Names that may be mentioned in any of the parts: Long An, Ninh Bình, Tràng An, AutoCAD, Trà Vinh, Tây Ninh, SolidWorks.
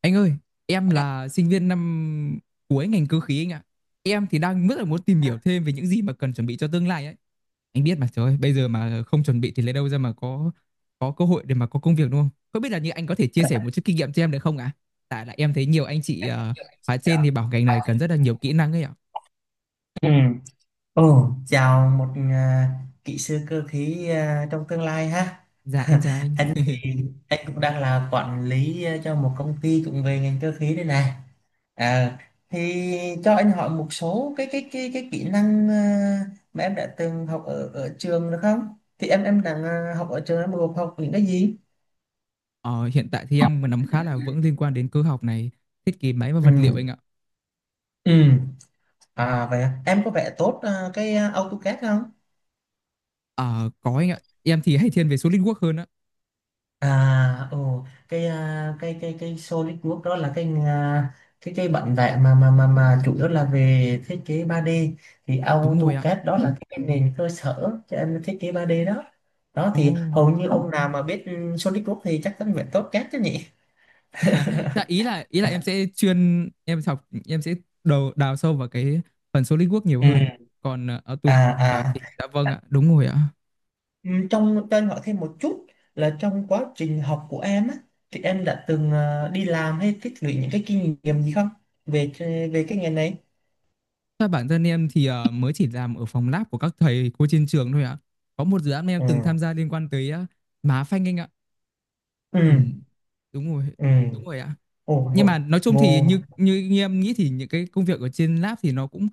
Anh ơi, em là sinh viên năm cuối ngành cơ khí anh ạ. Em thì đang rất là muốn tìm hiểu thêm về những gì mà cần chuẩn bị cho tương lai ấy. Anh biết mà, trời ơi, bây giờ mà không chuẩn bị thì lấy đâu ra mà có cơ hội để mà có công việc đúng không? Không biết là như anh có thể chia sẻ một chút kinh nghiệm cho em được không ạ? Tại là em thấy nhiều anh chị khóa trên thì bảo ngành này cần rất là nhiều kỹ năng ấy ạ. Ừ. Ồ, chào kỹ sư cơ khí, à, trong tương lai, ha. Dạ em chào anh. Anh thì anh cũng đang là quản lý, à, cho một công ty cũng về ngành cơ khí đây này. À, thì cho anh hỏi một số cái kỹ năng, à, mà em đã từng học ở ở trường được không? Thì em đang, à, học ở trường, em gồm học những cái gì? Ờ, Hiện tại thì em nắm khá là vững liên quan đến cơ học này, thiết kế máy và Ừ. vật liệu anh ạ. Ừ. À vậy à. Em có vẽ tốt, à, cái, à, AutoCAD không? Ờ, có anh ạ. Em thì hay thiên về SolidWorks hơn á. À, ồ, cái solid work đó là cái, à, cái bản vẽ mà chủ yếu là về thiết kế 3D, thì Đúng rồi ạ. AutoCAD đó, là cái nền cơ sở cho em thiết kế 3D đó. Đó Ồ. thì hầu như ông nào mà biết, solid work thì chắc chắn phải tốt CAD chứ nhỉ? Dạ, ý là em sẽ chuyên em học em sẽ đầu đào sâu vào cái phần SolidWorks nhiều Ừ. hơn. Còn À AutoCAD à, thì, dạ vâng ạ, đúng rồi ạ. Ừ, Trong cho anh hỏi thêm một chút là trong quá trình học của em á, thì em đã từng, à, đi làm hay tích lũy những cái kinh nghiệm gì không, về về cái nghề này? Thôi, bản thân em thì mới chỉ làm ở phòng lab của các thầy cô trên trường thôi ạ. Có một dự án em Ừ. từng tham gia liên quan tới má phanh anh ạ. Ừ. Ừ, đúng rồi, Ừ. đúng rồi ạ. Ồ, Nhưng mà vô, nói chung thì vô, như như như em nghĩ thì những cái công việc ở trên lab thì nó cũng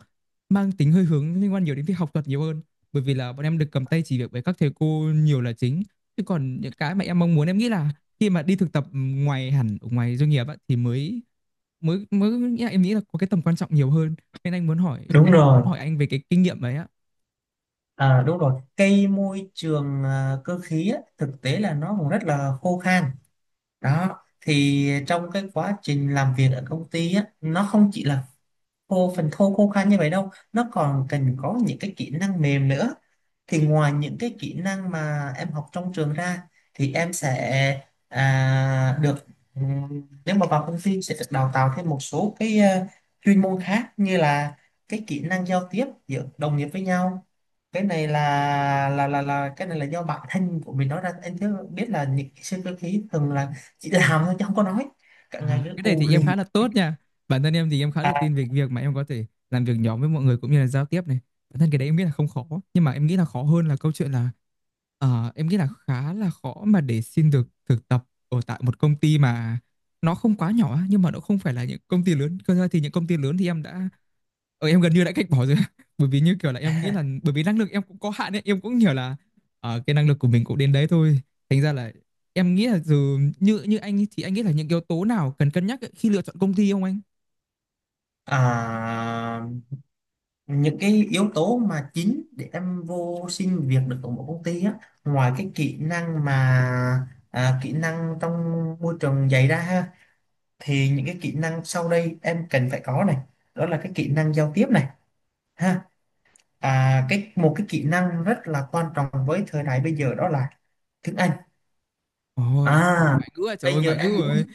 mang tính hơi hướng liên quan nhiều đến việc học thuật nhiều hơn, bởi vì là bọn em được cầm tay chỉ việc với các thầy cô nhiều là chính. Chứ còn những cái mà em mong muốn, em nghĩ là khi mà đi thực tập ngoài, hẳn ở ngoài doanh nghiệp á, thì mới mới mới em nghĩ là có cái tầm quan trọng nhiều hơn, nên anh muốn hỏi Đúng muốn rồi. hỏi anh về cái kinh nghiệm đấy ạ. À, đúng rồi. Cây môi trường, à, cơ khí á, thực tế là nó cũng rất là khô khan. Đó. Thì trong cái quá trình làm việc ở công ty á, nó không chỉ là khô phần thô khô khan như vậy đâu. Nó còn cần có những cái kỹ năng mềm nữa. Thì ngoài những cái kỹ năng mà em học trong trường ra, thì em sẽ, à, được nếu mà vào công ty sẽ được đào tạo thêm một số cái, ờ, chuyên môn khác, như là cái kỹ năng giao tiếp giữa đồng nghiệp với nhau. Cái này là cái này là do bản thân của mình nói ra, anh chứ biết là những cái sơ cơ khí thường là chỉ làm thôi chứ không có nói, cả ngày À, cứ cái này u thì lì. em khá là tốt nha. Bản thân em thì em khá Ừ. là à, tin về việc mà em có thể làm việc nhóm với mọi người cũng như là giao tiếp này. Bản thân cái đấy em nghĩ là không khó, nhưng mà em nghĩ là khó hơn là câu chuyện là em nghĩ là khá là khó mà để xin được thực tập ở tại một công ty mà nó không quá nhỏ á, nhưng mà nó không phải là những công ty lớn. Cơ ra thì những công ty lớn thì em gần như đã cách bỏ rồi bởi vì như kiểu là em nghĩ là, bởi vì năng lực em cũng có hạn ấy, em cũng hiểu là cái năng lực của mình cũng đến đấy thôi, thành ra là em nghĩ là dù như như anh ấy, thì anh nghĩ là những yếu tố nào cần cân nhắc ấy khi lựa chọn công ty không anh? à những cái yếu tố mà chính để em vô xin việc được ở một công ty á, ngoài cái kỹ năng mà, à, kỹ năng trong môi trường dạy ra, ha, thì những cái kỹ năng sau đây em cần phải có này: đó là cái kỹ năng giao tiếp này, ha, cái một cái kỹ năng rất là quan trọng với thời đại bây giờ đó là tiếng Anh, Ồ, à, ngoại ngữ à, trời bây ơi, giờ ngoại ngữ em muốn. rồi.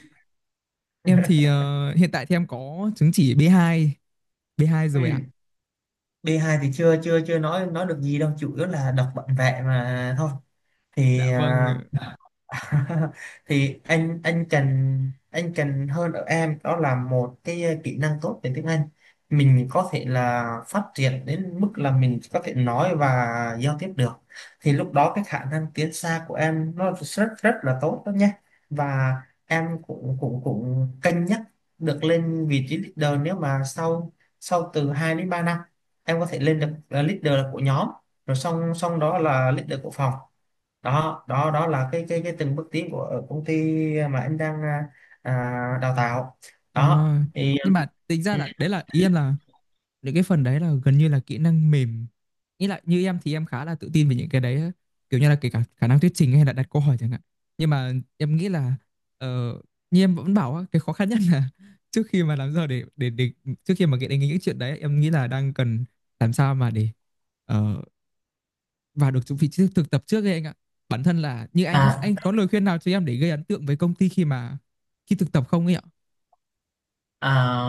Em thì hiện tại thì em có chứng chỉ B2. B2 Ừ. rồi ạ, B2 thì chưa chưa chưa nói, được gì đâu, chủ yếu là đọc bản vẽ mà thôi, dạ thì vâng. à, thì anh cần, anh cần hơn ở em đó là một cái, ờ, kỹ năng tốt về tiếng Anh. Mình có thể là phát triển đến mức là mình có thể nói và giao tiếp được, thì lúc đó cái khả năng tiến xa của em nó rất rất là tốt đó nhé. Và em cũng cũng cũng cân nhắc được lên vị trí leader, nếu mà sau, từ 2 đến 3 năm em có thể lên được là leader của nhóm, rồi xong xong đó là leader của phòng. Đó đó đó là cái từng bước tiến của ở công ty mà anh đang, à, đào tạo. Ờ, Đó thì nhưng mà tính ra ừ, là đấy là ý em là những cái phần đấy là gần như là kỹ năng mềm. Nghĩ lại như em thì em khá là tự tin về những cái đấy á, kiểu như là kể cả khả năng thuyết trình hay là đặt câu hỏi chẳng hạn. Nhưng mà em nghĩ là ờ, như em vẫn bảo á, cái khó khăn nhất là trước khi mà làm sao để trước khi mà nghĩ đến những chuyện đấy, em nghĩ là đang cần làm sao mà để ờ, vào được vị trí thực tập trước ấy anh ạ. Bản thân là như anh á, à, anh có lời khuyên nào cho em để gây ấn tượng với công ty khi thực tập không ấy ạ? à,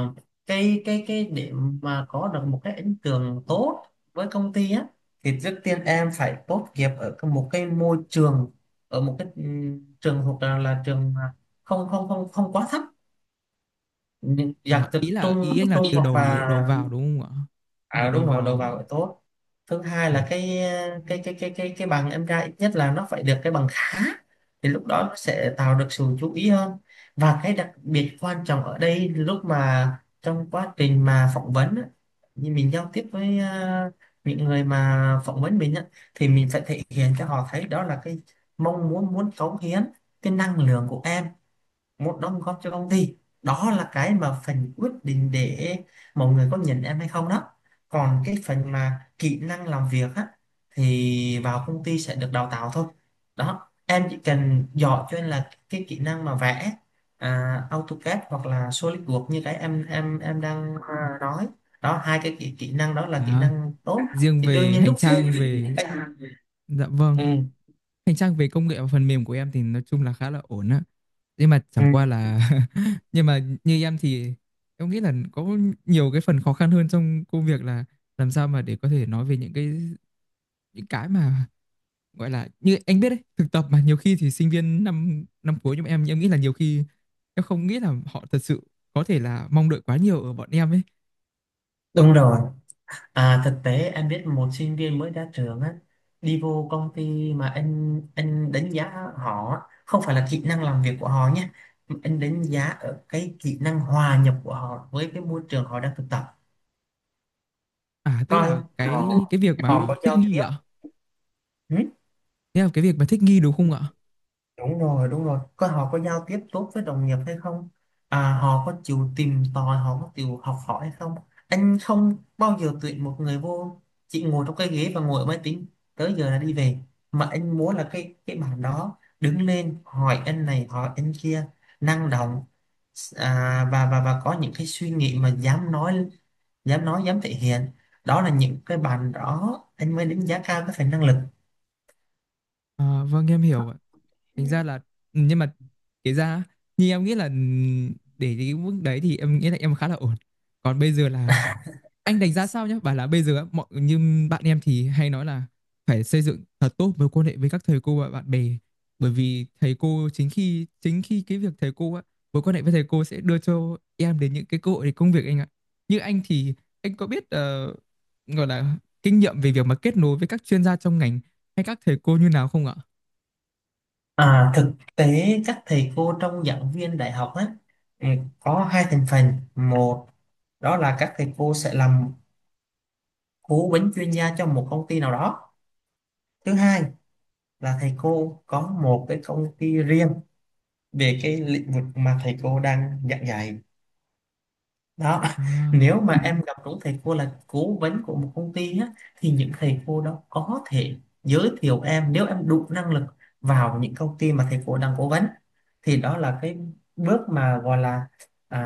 cái để mà có được một cái ấn tượng tốt với công ty á, thì trước tiên em phải tốt nghiệp ở cái- một cái môi trường, ở một cái, ừ, trường thuộc là trường mà không không không không quá thấp, những à, dạng từ ý là trung, ý anh là trung từ hoặc đầu đầu là, vào đúng không ạ? Là à, đầu đúng rồi, đầu vào. vào phải tốt. Thứ hai Ờ, là cái cái bằng em ra ít nhất là nó phải được cái bằng khá, thì lúc đó nó sẽ tạo được sự chú ý hơn. Và cái đặc biệt quan trọng ở đây lúc mà trong quá trình mà phỏng vấn á, như mình giao tiếp với, à, những người mà phỏng vấn mình á, thì mình phải thể hiện cho họ thấy đó là cái mong muốn, cống hiến cái năng lượng của em, một đóng góp cho công ty. Đó là cái mà phần quyết định để mọi người có nhận em hay không đó. Còn cái phần mà kỹ năng làm việc á, thì vào công ty sẽ được đào tạo thôi đó, em chỉ cần giỏi. Cho nên là cái kỹ năng mà vẽ, à, AutoCAD hoặc là SolidWorks như cái em đang, à, nói đó, hai cái kỹ năng đó là kỹ À, năng tốt, riêng thì đương về nhiên hành lúc. trang về Dạ vâng, ừ, hành trang về công nghệ và phần mềm của em thì nói chung là khá là ổn á. Nhưng mà ừ, chẳng qua là nhưng mà như em thì em nghĩ là có nhiều cái phần khó khăn hơn trong công việc là làm sao mà để có thể nói về những cái mà gọi là, như anh biết đấy, thực tập mà nhiều khi thì sinh viên năm năm cuối, nhưng mà em nghĩ là nhiều khi em không nghĩ là họ thật sự có thể là mong đợi quá nhiều ở bọn em ấy. Đúng rồi. À, thực tế em biết một sinh viên mới ra trường á, đi vô công ty mà anh đánh giá họ á, không phải là kỹ năng làm việc của họ nhé, mà anh đánh giá ở cái kỹ năng hòa nhập của họ với cái môi trường họ đang thực tập, À, tức coi là họ cái việc họ có mà thích giao nghi tiếp. ạ. Thế là cái việc mà thích nghi đúng không ạ? Đúng rồi, đúng rồi. Coi họ có giao tiếp tốt với đồng nghiệp hay không? À, họ có chịu tìm tòi, họ có chịu học hỏi hay không? Anh không bao giờ tuyển một người vô chỉ ngồi trong cái ghế và ngồi ở máy tính tới giờ là đi về. Mà anh muốn là cái bạn đó đứng lên hỏi anh này, hỏi anh kia, năng động, à, và có những cái suy nghĩ mà dám nói, dám thể hiện. Đó là những cái bạn đó anh mới đánh giá cao cái phần năng lực. Ờ, vâng, em hiểu ạ. Thành ra là nhưng mà kể ra á, như em nghĩ là để cái mức đấy thì em nghĩ là em khá là ổn. Còn bây giờ là anh đánh giá sao nhá? Bảo là bây giờ á, mọi như bạn em thì hay nói là phải xây dựng thật tốt mối quan hệ với các thầy cô và bạn bè, bởi vì thầy cô chính khi cái việc thầy cô á mối quan hệ với thầy cô sẽ đưa cho em đến những cái cơ hội để công việc anh ạ. Như anh thì anh có biết gọi là kinh nghiệm về việc mà kết nối với các chuyên gia trong ngành hay các thầy cô như nào không ạ? À, thực tế các thầy cô trong giảng viên đại học á, ừ, có hai thành phần: một đó là các thầy cô sẽ làm cố vấn chuyên gia cho một công ty nào đó; thứ hai là thầy cô có một cái công ty riêng về cái lĩnh vực mà thầy cô đang giảng dạy. Đó. À, Nếu mà em gặp đúng thầy cô là cố vấn của một công ty á, thì những thầy cô đó có thể giới thiệu em, nếu em đủ năng lực, vào những công ty mà thầy cô đang cố vấn. Thì đó là cái bước mà gọi là, à,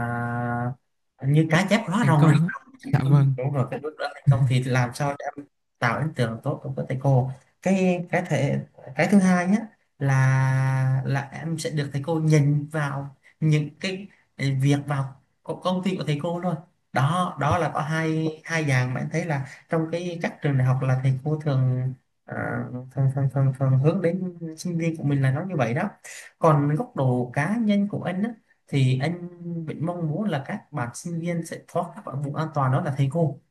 như cá chép đầu là hóa thành rồng rồi. công á. Ừ, Dạ vâng. đúng rồi, cái lúc đó thành công thì làm sao cho em tạo ấn tượng tốt đối với thầy cô. cái cái thể cái thứ hai nhé, là em sẽ được thầy cô nhìn vào những cái việc vào co- công ty của thầy cô luôn. Đó, đó là có hai, hai dạng mà em thấy là trong cái các trường đại học là thầy cô thường, ờ, thường, thường, thường, thường hướng đến sinh viên của mình là nó như vậy đó. Còn góc độ cá nhân của anh á, thì anh vẫn mong muốn là các bạn sinh viên sẽ thoát các khỏi vùng an toàn, đó là thầy cô,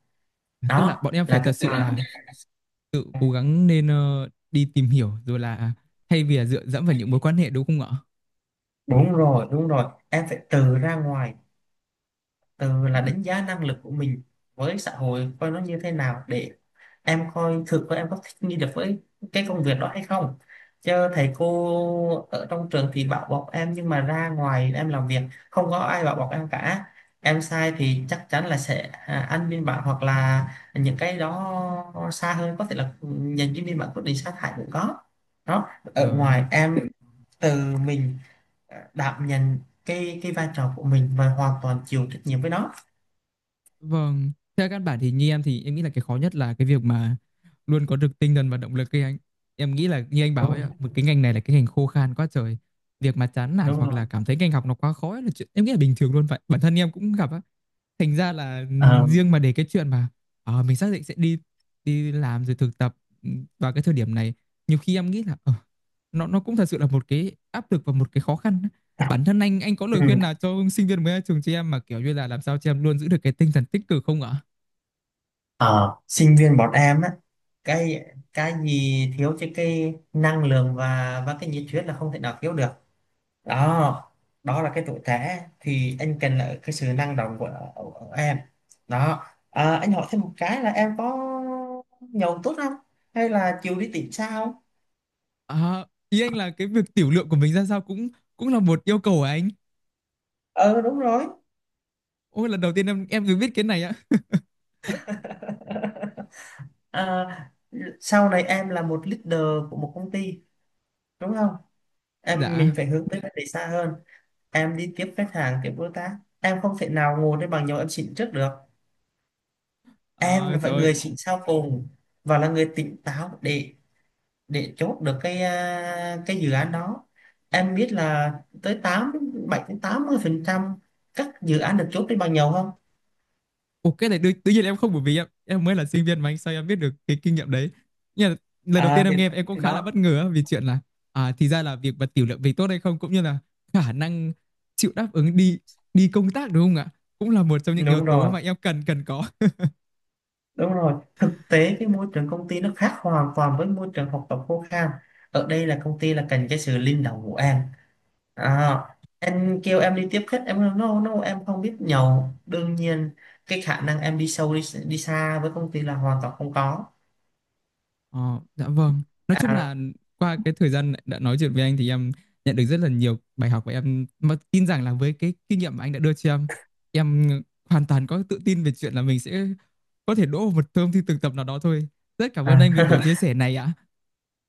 Tức là đó bọn em phải là thật các sự bạn. là tự cố gắng nên đi tìm hiểu rồi là, thay vì là dựa dẫm vào những mối quan hệ đúng không ạ? Đúng rồi, đúng rồi, em phải tự ra ngoài, từ là đánh giá năng lực của mình với xã hội, coi nó như thế nào, để em coi thực có em có thích nghi được với cái công việc đó hay không. Chứ thầy cô ở trong trường thì bảo bọc em, nhưng mà ra ngoài em làm việc không có ai bảo bọc em cả. Em sai thì chắc chắn là sẽ, à, ăn biên bản, hoặc là những cái đó xa hơn có thể là nhận cái biên bản quyết định sa thải cũng có. Đó, Ờ. ở ngoài em từ mình, à, đảm nhận cái vai trò của mình và hoàn toàn chịu trách nhiệm với nó. Vâng, theo căn bản thì như em thì em nghĩ là cái khó nhất là cái việc mà luôn có được tinh thần và động lực ấy anh. Em nghĩ là như anh bảo Đúng ấy rồi, ạ, một cái ngành này là cái ngành khô khan quá trời. Việc mà chán nản đúng hoặc rồi. là cảm thấy ngành học nó quá khó ấy là chuyện em nghĩ là bình thường luôn vậy. Bản thân em cũng gặp á. Thành ra là Ờ, riêng mà để cái chuyện mà mình xác định sẽ đi đi làm rồi thực tập, vào cái thời điểm này, nhiều khi em nghĩ là nó cũng thật sự là một cái áp lực và một cái khó khăn. Bản thân anh có lời ừ. khuyên nào cho sinh viên mới ra trường chị em mà kiểu như là làm sao chị em luôn giữ được cái tinh thần tích cực không ạ? Ở sinh viên bọn em á, cái cái gì thiếu chứ cái năng lượng và cái nhiệt huyết là không thể nào thiếu được. Đó, đó là cái tuổi trẻ, thì anh cần là cái sự năng động của em. Đó, à, anh hỏi thêm một cái là em có nhậu tốt không, hay là chịu đi tìm sao. À, ý anh là cái việc tiểu lượng của mình ra sao cũng cũng là một yêu cầu của anh. Ờ, đúng rồi. Ôi, lần đầu tiên em được biết cái này á. À, sau này em là một leader của một công ty đúng không, em mình Dạ. phải hướng tới vấn đề xa hơn. Em đi tiếp khách hàng, tiếp đối tác, em không thể nào ngồi đây bằng nhau, em xịn trước được. Em Ờ, là phải trời người ơi. xịn sau cùng, và là người tỉnh táo để chốt được cái, à, cái dự án đó. Em biết là tới 70 đến 80% các dự án được chốt trên bằng nhau không. Ồ, cái này tự nhiên em không, bởi vì em mới là sinh viên mà anh, sao em biết được cái kinh nghiệm đấy. Nhưng mà lần đầu tiên À em nghe em cũng thì khá là bất Đó. ngờ á, vì chuyện là, à thì ra là việc mà tiểu lượng mình tốt hay không, cũng như là khả năng chịu đáp ứng đi đi công tác đúng không ạ? Cũng là một trong những yếu Đúng tố rồi, mà em cần cần có. đúng rồi, thực tế cái môi trường công ty nó khác hoàn toàn với môi trường học tập khô khan. Ở đây là công ty là cần cái sự linh động của em. À, anh kêu em đi tiếp khách em nói no, no, em không biết nhậu, đương nhiên cái khả năng em đi sâu, đi xa với công ty là hoàn toàn không có. Ờ, dạ vâng. Nói chung à, là qua cái thời gian đã nói chuyện với anh thì em nhận được rất là nhiều bài học, và em mà tin rằng là với cái kinh nghiệm mà anh đã đưa cho em hoàn toàn có tự tin về chuyện là mình sẽ có thể đỗ vào một thơm thi thực tập nào đó thôi. Rất cảm ơn à. anh vì buổi chia sẻ này ạ.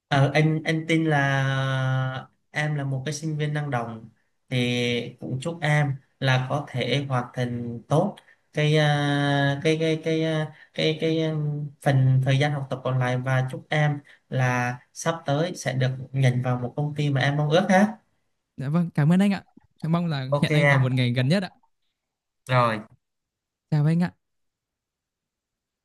Ờ, anh tin là em là một cái sinh viên năng động, thì cũng chúc em là có thể hoàn thành tốt cái, à, cái cái à, cái cái phần thời gian học tập còn lại, và chúc em là sắp tới sẽ được nhận vào một công ty mà em mong ước, ha. Dạ vâng, cảm ơn anh ạ. Em mong là Ok hẹn anh vào em, một ngày gần nhất ạ. rồi. Chào anh ạ.